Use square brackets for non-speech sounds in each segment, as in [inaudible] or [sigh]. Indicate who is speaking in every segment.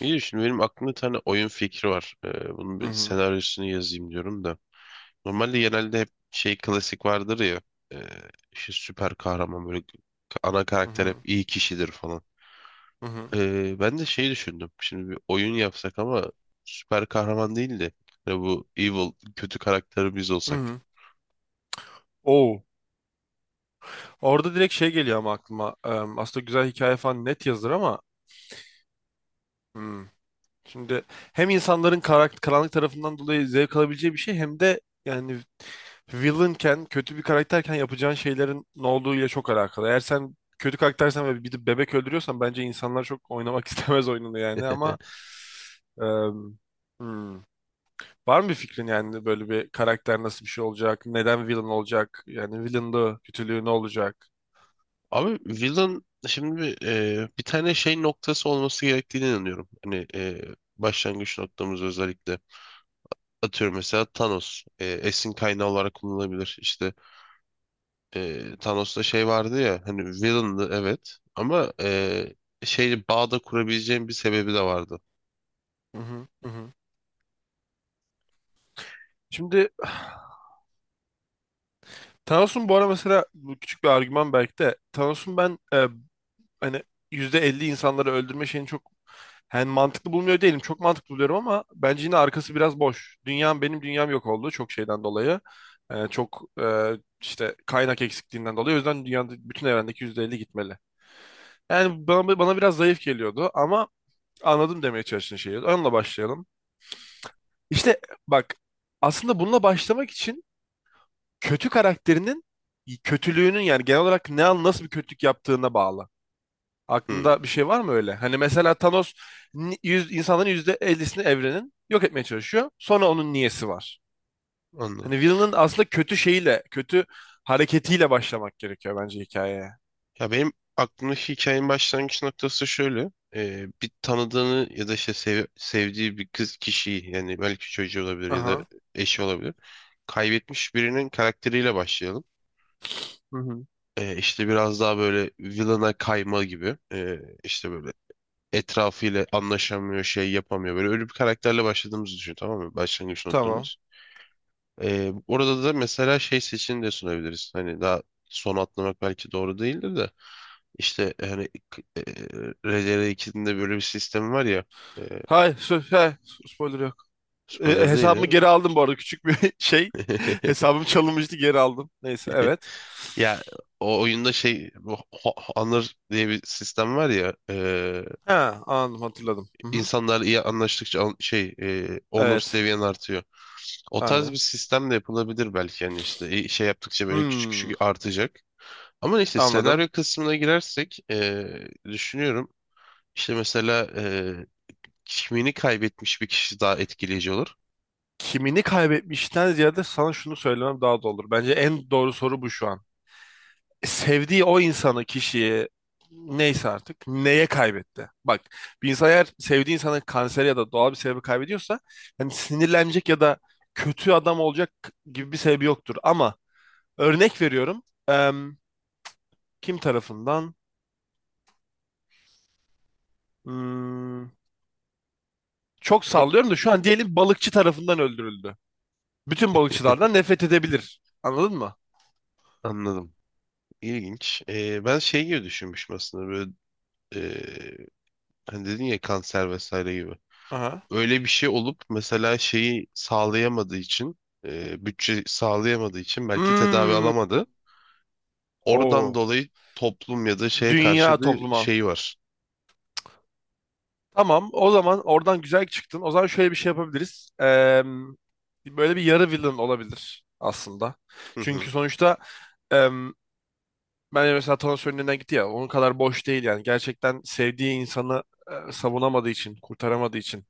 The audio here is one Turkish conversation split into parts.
Speaker 1: İyi, şimdi benim aklımda bir tane oyun fikri var. Bunun
Speaker 2: Hı
Speaker 1: bir
Speaker 2: hı.
Speaker 1: senaryosunu yazayım diyorum da. Normalde genelde hep şey klasik vardır ya. E, işte süper kahraman böyle ana
Speaker 2: Hı
Speaker 1: karakter
Speaker 2: hı.
Speaker 1: hep iyi kişidir falan.
Speaker 2: Hı hı.
Speaker 1: Ben de şey düşündüm. Şimdi bir oyun yapsak ama süper kahraman değil de hani bu evil kötü karakteri biz
Speaker 2: Hı
Speaker 1: olsak.
Speaker 2: hı. Oo. Orada direkt şey geliyor ama aklıma. Aslında güzel hikaye falan net yazılır ama hmm. Şimdi hem insanların karanlık tarafından dolayı zevk alabileceği bir şey hem de yani villainken, kötü bir karakterken yapacağın şeylerin ne olduğuyla çok alakalı. Eğer sen kötü karaktersen ve bir de bebek öldürüyorsan bence insanlar çok oynamak [laughs] istemez oyununu yani ama em, hmm. Var mı bir fikrin yani böyle bir karakter nasıl bir şey olacak? Neden villain olacak? Yani villainlığı, kötülüğü ne olacak?
Speaker 1: Abi villain şimdi bir tane şey noktası olması gerektiğine inanıyorum. Hani başlangıç noktamız özellikle. Atıyorum mesela Thanos esin kaynağı olarak kullanılabilir. İşte Thanos'ta şey vardı ya, hani villain'dı, evet, ama şey bağda kurabileceğim bir sebebi de vardı.
Speaker 2: Hı hı, hı hı. Şimdi Thanos'un bu ara mesela bu küçük bir argüman belki de Thanos'un hani %50 insanları öldürme şeyini çok yani mantıklı bulmuyor değilim. Çok mantıklı buluyorum ama bence yine arkası biraz boş. Dünyam benim dünyam yok oldu çok şeyden dolayı. E, çok e, işte kaynak eksikliğinden dolayı. O yüzden dünyada bütün evrendeki %50 gitmeli. Yani bana biraz zayıf geliyordu ama anladım demeye çalıştığın şeyi. Onunla başlayalım. İşte bak, aslında bununla başlamak için kötü karakterinin kötülüğünün, yani genel olarak ne an nasıl bir kötülük yaptığına bağlı.
Speaker 1: Hmm,
Speaker 2: Aklında bir şey var mı öyle? Hani mesela Thanos yüz, insanların yüzde ellisini evrenin yok etmeye çalışıyor. Sonra onun niyesi var.
Speaker 1: anladım.
Speaker 2: Hani villain'ın aslında kötü şeyiyle, kötü hareketiyle başlamak gerekiyor bence hikayeye.
Speaker 1: Ya benim aklımdaki hikayenin başlangıç noktası şöyle. E, bir tanıdığını ya da işte sevdiği bir kız kişiyi, yani belki çocuğu olabilir ya da
Speaker 2: Aha.
Speaker 1: eşi olabilir. Kaybetmiş birinin karakteriyle başlayalım.
Speaker 2: Hı hı.
Speaker 1: E, işte biraz daha böyle villain'a kayma gibi. E, işte böyle etrafıyla anlaşamıyor, şey yapamıyor. Böyle öyle bir karakterle başladığımızı düşün, tamam mı? Başlangıç
Speaker 2: Tamam.
Speaker 1: noktamız. Orada da mesela şey seçeneğini de sunabiliriz. Hani daha son atlamak belki doğru değildir de. İşte hani RDR2'nin de böyle bir sistemi var ya. e,
Speaker 2: Hay, sö- he, spoiler.
Speaker 1: Spoiler değil
Speaker 2: Hesabımı
Speaker 1: ya.
Speaker 2: geri aldım bu arada küçük bir [laughs] şey.
Speaker 1: [laughs]
Speaker 2: Hesabım çalınmıştı, geri aldım. Neyse, evet.
Speaker 1: Ya o oyunda şey bu honor diye bir sistem var ya.
Speaker 2: Ha, anladım, hatırladım. Hı hı.
Speaker 1: İnsanlar iyi anlaştıkça şey onur
Speaker 2: Evet,
Speaker 1: seviyen artıyor. O tarz bir
Speaker 2: aynen.
Speaker 1: sistem de yapılabilir belki, yani işte şey yaptıkça böyle küçük küçük
Speaker 2: Hmm,
Speaker 1: artacak. Ama neyse,
Speaker 2: anladım.
Speaker 1: senaryo kısmına girersek düşünüyorum işte, mesela kimliğini kaybetmiş bir kişi daha etkileyici olur.
Speaker 2: Kimini kaybetmişten ziyade sana şunu söylemem daha doğru olur. Bence en doğru soru bu şu an. Sevdiği o insanı, kişiyi, neyse artık, neye kaybetti? Bak, bir insan eğer sevdiği insanı kanser ya da doğal bir sebebi kaybediyorsa hani sinirlenecek ya da kötü adam olacak gibi bir sebebi yoktur. Ama örnek veriyorum. Kim tarafından? Hmm, çok
Speaker 1: Hı,
Speaker 2: sallıyorum da şu an, diyelim balıkçı tarafından öldürüldü. Bütün balıkçılardan nefret edebilir. Anladın mı?
Speaker 1: anladım. İlginç. E, ben şey gibi düşünmüşüm aslında, böyle e, hani dedin ya kanser vesaire gibi.
Speaker 2: Aha.
Speaker 1: Öyle bir şey olup mesela şeyi sağlayamadığı için, bütçe sağlayamadığı için belki tedavi
Speaker 2: Hmm,
Speaker 1: alamadı. Oradan
Speaker 2: o
Speaker 1: dolayı toplum ya da şeye
Speaker 2: dünya
Speaker 1: karşı bir
Speaker 2: topluma.
Speaker 1: şey var.
Speaker 2: Tamam, o zaman oradan güzel çıktın. O zaman şöyle bir şey yapabiliriz. Böyle bir yarı villain olabilir aslında.
Speaker 1: Hı
Speaker 2: Çünkü
Speaker 1: hı,
Speaker 2: sonuçta ben mesela Thanos önünden gitti ya. Onun kadar boş değil yani. Gerçekten sevdiği insanı savunamadığı için, kurtaramadığı için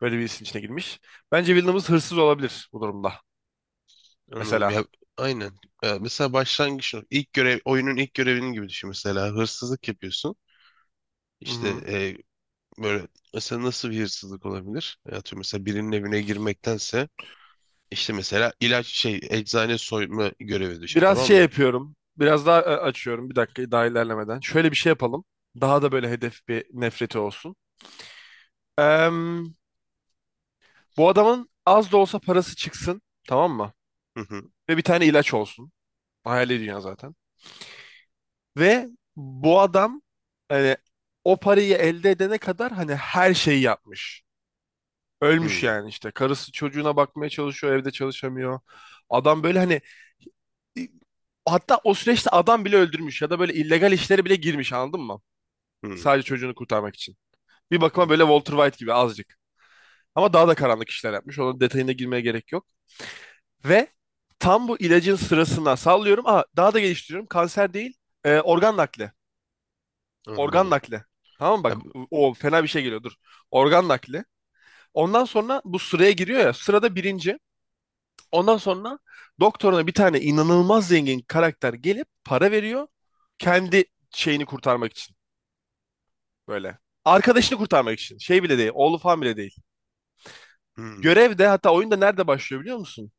Speaker 2: böyle bir işin içine girmiş. Bence Villeneuve hırsız olabilir bu durumda.
Speaker 1: anladım. Ya
Speaker 2: Mesela.
Speaker 1: aynen. Ya, mesela ilk görev, oyunun ilk görevinin gibi düşün, mesela hırsızlık yapıyorsun.
Speaker 2: Hı
Speaker 1: İşte
Speaker 2: hı.
Speaker 1: böyle mesela nasıl bir hırsızlık olabilir? Ya atıyorum mesela birinin evine girmektense, işte mesela ilaç şey, eczane soyma görevi düşün,
Speaker 2: Biraz
Speaker 1: tamam
Speaker 2: şey
Speaker 1: mı?
Speaker 2: yapıyorum. Biraz daha açıyorum. Bir dakika daha, ilerlemeden. Şöyle bir şey yapalım. Daha da böyle hedef bir nefreti olsun. Em, bu adamın az da olsa parası çıksın. Tamam mı?
Speaker 1: Hı hı.
Speaker 2: Ve bir tane ilaç olsun. Hayali dünya zaten. Ve bu adam hani o parayı elde edene kadar hani her şeyi yapmış.
Speaker 1: Hı
Speaker 2: Ölmüş yani işte. Karısı çocuğuna bakmaya çalışıyor, evde çalışamıyor. Adam böyle hani, hatta o süreçte adam bile öldürmüş ya da böyle illegal işlere bile girmiş, anladın mı?
Speaker 1: hı.
Speaker 2: Sadece çocuğunu kurtarmak için. Bir bakıma
Speaker 1: Hı,
Speaker 2: böyle Walter White gibi azıcık. Ama daha da karanlık işler yapmış. Onun detayına girmeye gerek yok. Ve tam bu ilacın sırasına, sallıyorum. Aa, daha da geliştiriyorum. Kanser değil, organ nakli. Organ
Speaker 1: anladım.
Speaker 2: nakli. Tamam mı? Bak,
Speaker 1: Ya, bu-
Speaker 2: o fena bir şey geliyor, dur. Organ nakli. Ondan sonra bu sıraya giriyor ya, sırada birinci. Ondan sonra doktoruna bir tane inanılmaz zengin karakter gelip para veriyor. Kendi şeyini kurtarmak için böyle. Arkadaşını kurtarmak için. Şey bile değil. Oğlu falan bile değil.
Speaker 1: hı.
Speaker 2: Görev de hatta oyunda nerede başlıyor biliyor musun?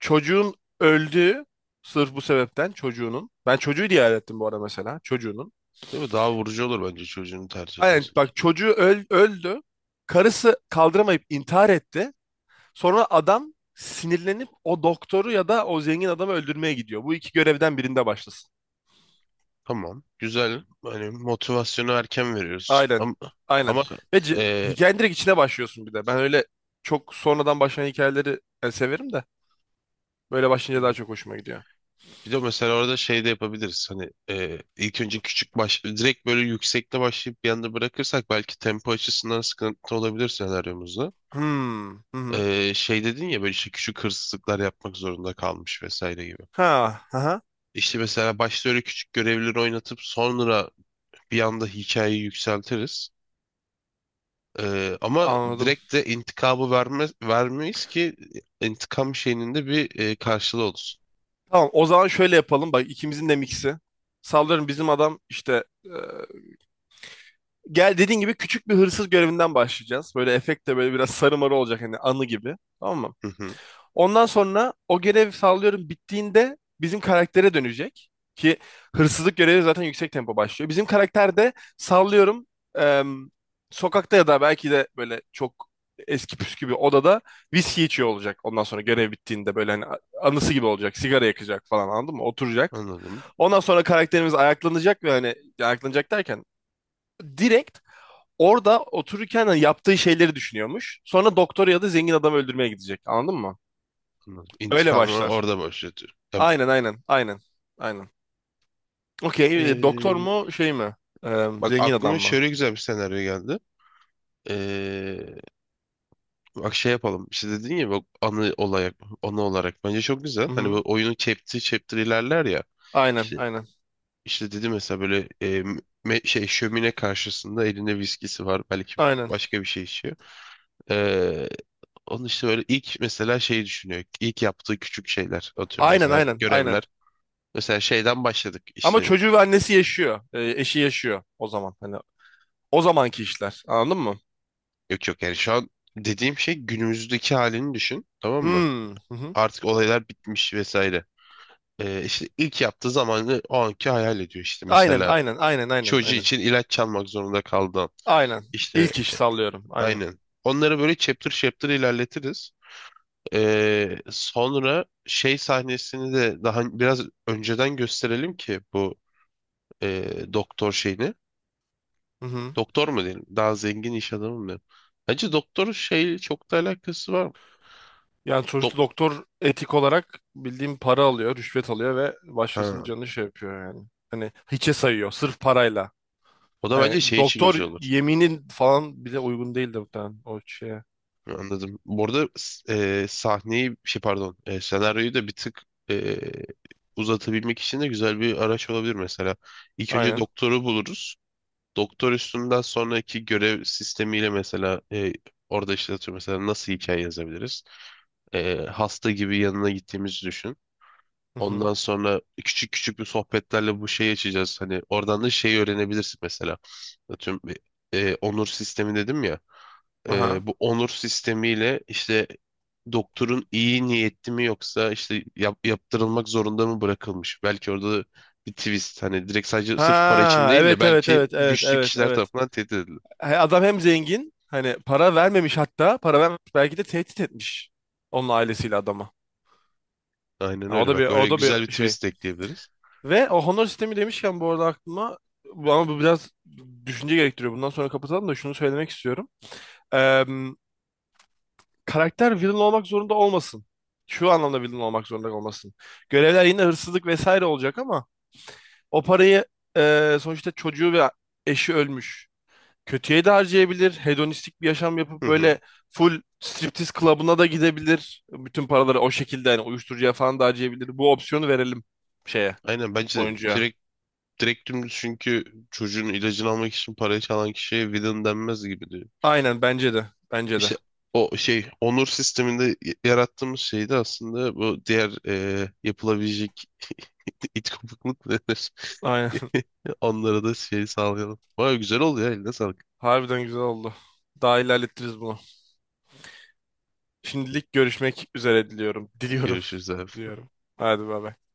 Speaker 2: Çocuğun öldüğü, sırf bu sebepten, çocuğunun. Ben çocuğu diye hayal ettim bu arada mesela. Çocuğunun.
Speaker 1: Değil mi? Daha vurucu olur bence çocuğunu tercih
Speaker 2: Aynen,
Speaker 1: edersen.
Speaker 2: bak, çocuğu öldü. Karısı kaldıramayıp intihar etti. Sonra adam sinirlenip o doktoru ya da o zengin adamı öldürmeye gidiyor. Bu iki görevden birinde başlasın.
Speaker 1: Tamam. Güzel. Hani motivasyonu erken veriyoruz.
Speaker 2: Aynen.
Speaker 1: Ama,
Speaker 2: Aynen.
Speaker 1: ama
Speaker 2: Ve
Speaker 1: e,
Speaker 2: hikayenin direkt içine başlıyorsun bir de. Ben öyle çok sonradan başlayan hikayeleri severim de. Böyle başlayınca daha çok hoşuma gidiyor.
Speaker 1: bir de mesela orada şey de yapabiliriz. Hani ilk önce küçük baş direkt böyle yüksekte başlayıp bir anda bırakırsak, belki tempo açısından sıkıntı olabilir senaryomuzda.
Speaker 2: Hmm. Hı hı.
Speaker 1: E, şey dedin ya böyle, işte küçük hırsızlıklar yapmak zorunda kalmış vesaire gibi.
Speaker 2: Ha. Hı hı.
Speaker 1: İşte mesela başta öyle küçük görevleri oynatıp sonra bir anda hikayeyi yükseltiriz. Ama
Speaker 2: Anladım.
Speaker 1: direkt de intikamı verme, vermeyiz ki intikam şeyinin de bir karşılığı olsun.
Speaker 2: Tamam, o zaman şöyle yapalım. Bak, ikimizin de miksi. Sallıyorum, bizim adam işte, gel dediğin gibi, küçük bir hırsız görevinden başlayacağız. Böyle efekt de böyle biraz sarı marı olacak, hani anı gibi. Tamam mı?
Speaker 1: Hı hı,
Speaker 2: Ondan sonra o görev, sallıyorum, bittiğinde bizim karaktere dönecek. Ki hırsızlık görevi zaten yüksek tempo başlıyor. Bizim karakter de sallıyorum em, sokakta ya da belki de böyle çok eski püskü bir odada viski içiyor olacak. Ondan sonra görev bittiğinde böyle hani anısı gibi olacak. Sigara yakacak falan, anladın mı? Oturacak.
Speaker 1: anladım,
Speaker 2: Ondan sonra karakterimiz ayaklanacak ve hani, ayaklanacak derken direkt orada otururken hani yaptığı şeyleri düşünüyormuş. Sonra doktor ya da zengin adam öldürmeye gidecek. Anladın mı?
Speaker 1: anladım.
Speaker 2: Öyle
Speaker 1: İntikamı
Speaker 2: başlar.
Speaker 1: orada başlatıyor. Ya,
Speaker 2: Aynen aynen aynen aynen. Okey, doktor
Speaker 1: e,
Speaker 2: mu şey mi?
Speaker 1: bak
Speaker 2: Zengin adam
Speaker 1: aklıma
Speaker 2: mı?
Speaker 1: şöyle güzel bir senaryo geldi. Ee, Bak şey yapalım. İşte dedin ya bak, anı olarak, anı olarak bence çok güzel. Hani böyle
Speaker 2: Hı-hı.
Speaker 1: oyunu chapter chapter ilerler ya.
Speaker 2: Aynen
Speaker 1: İşte,
Speaker 2: aynen
Speaker 1: işte dedi mesela böyle şey, şömine karşısında elinde viskisi var, belki
Speaker 2: aynen
Speaker 1: başka bir şey içiyor. Onun işte böyle ilk mesela şeyi düşünüyor. İlk yaptığı küçük şeyler. Atıyorum
Speaker 2: aynen
Speaker 1: mesela
Speaker 2: aynen aynen.
Speaker 1: görevler. Mesela şeyden başladık
Speaker 2: Ama
Speaker 1: işte.
Speaker 2: çocuğu ve annesi yaşıyor. Eşi yaşıyor o zaman. Hani o zamanki işler, anladın mı?
Speaker 1: Yok yok, yani şu an dediğim şey günümüzdeki halini düşün. Tamam mı?
Speaker 2: Hmm. Hı-hı.
Speaker 1: Artık olaylar bitmiş vesaire. İşte ilk yaptığı zamanı o anki hayal ediyor işte.
Speaker 2: Aynen
Speaker 1: Mesela
Speaker 2: aynen aynen aynen
Speaker 1: çocuğu
Speaker 2: aynen.
Speaker 1: için ilaç çalmak zorunda kaldı.
Speaker 2: Aynen.
Speaker 1: İşte
Speaker 2: İlk iş sallıyorum, aynen.
Speaker 1: aynen. Onları böyle chapter chapter ilerletiriz. Sonra şey sahnesini de daha biraz önceden gösterelim ki bu doktor şeyini.
Speaker 2: Hı-hı.
Speaker 1: Doktor mu diyelim? Daha zengin iş adamı mı diyelim? Bence doktorun şeyle çok da alakası var mı?
Speaker 2: Yani
Speaker 1: Dok,
Speaker 2: sonuçta doktor etik olarak bildiğim para alıyor, rüşvet alıyor ve başkasının
Speaker 1: ha.
Speaker 2: canını şey yapıyor yani. Hani hiçe sayıyor sırf parayla.
Speaker 1: O da bence
Speaker 2: Hani
Speaker 1: şey için
Speaker 2: doktor
Speaker 1: güzel olur.
Speaker 2: yeminin falan bize uygun değildi muhtemelen o şeye.
Speaker 1: Anladım. Bu arada sahneyi şey, pardon, senaryoyu da bir tık e, uzatabilmek için de güzel bir araç olabilir mesela. İlk önce
Speaker 2: Aynen.
Speaker 1: doktoru buluruz. Doktor üstünden sonraki görev sistemiyle mesela orada işte atıyorum mesela nasıl hikaye yazabiliriz? E, hasta gibi yanına gittiğimizi düşün.
Speaker 2: Hı hı.
Speaker 1: Ondan sonra küçük küçük bir sohbetlerle bu şeyi açacağız. Hani oradan da şeyi öğrenebilirsin mesela. Atıyorum onur sistemi dedim ya. E,
Speaker 2: Aha.
Speaker 1: bu onur sistemiyle işte doktorun iyi niyetli mi yoksa işte yaptırılmak zorunda mı bırakılmış? Belki orada bir twist, hani direkt sadece sırf para için
Speaker 2: Ha,
Speaker 1: değil de
Speaker 2: evet evet
Speaker 1: belki
Speaker 2: evet evet
Speaker 1: güçlü
Speaker 2: evet
Speaker 1: kişiler
Speaker 2: evet.
Speaker 1: tarafından tehdit edildi.
Speaker 2: He, adam hem zengin, hani para vermemiş, hatta para vermemiş, belki de tehdit etmiş onun ailesiyle adama.
Speaker 1: Aynen
Speaker 2: Ha, o
Speaker 1: öyle
Speaker 2: da bir,
Speaker 1: bak. Öyle
Speaker 2: o da
Speaker 1: güzel bir
Speaker 2: bir şey.
Speaker 1: twist de ekleyebiliriz.
Speaker 2: Ve o honor sistemi demişken bu arada aklıma, ama bu biraz düşünce gerektiriyor. Bundan sonra kapatalım da şunu söylemek istiyorum. Karakter villain olmak zorunda olmasın. Şu anlamda villain olmak zorunda olmasın. Görevler yine hırsızlık vesaire olacak ama o parayı, sonuçta çocuğu ve eşi ölmüş, kötüye de harcayabilir. Hedonistik bir yaşam
Speaker 1: Hı
Speaker 2: yapıp
Speaker 1: hı.
Speaker 2: böyle full striptiz klubuna da gidebilir. Bütün paraları o şekilde yani uyuşturucuya falan da harcayabilir. Bu opsiyonu verelim şeye,
Speaker 1: Aynen bence de,
Speaker 2: oyuncuya.
Speaker 1: direkt dümdüz, çünkü çocuğun ilacını almak için parayı çalan kişiye villain denmez gibi diyor.
Speaker 2: Aynen, bence de. Bence de.
Speaker 1: İşte o şey onur sisteminde yarattığımız şey de aslında bu diğer yapılabilecek [laughs] it kopukluk denir.
Speaker 2: Aynen.
Speaker 1: [laughs] Onlara da şey sağlayalım. Vay güzel oldu ya, eline sağlık.
Speaker 2: [laughs] Harbiden güzel oldu. Daha ilerletiriz bunu. Şimdilik görüşmek üzere diliyorum. Diliyorum
Speaker 1: Görüşürüz abi.
Speaker 2: [laughs] diyorum. Hadi bay bay.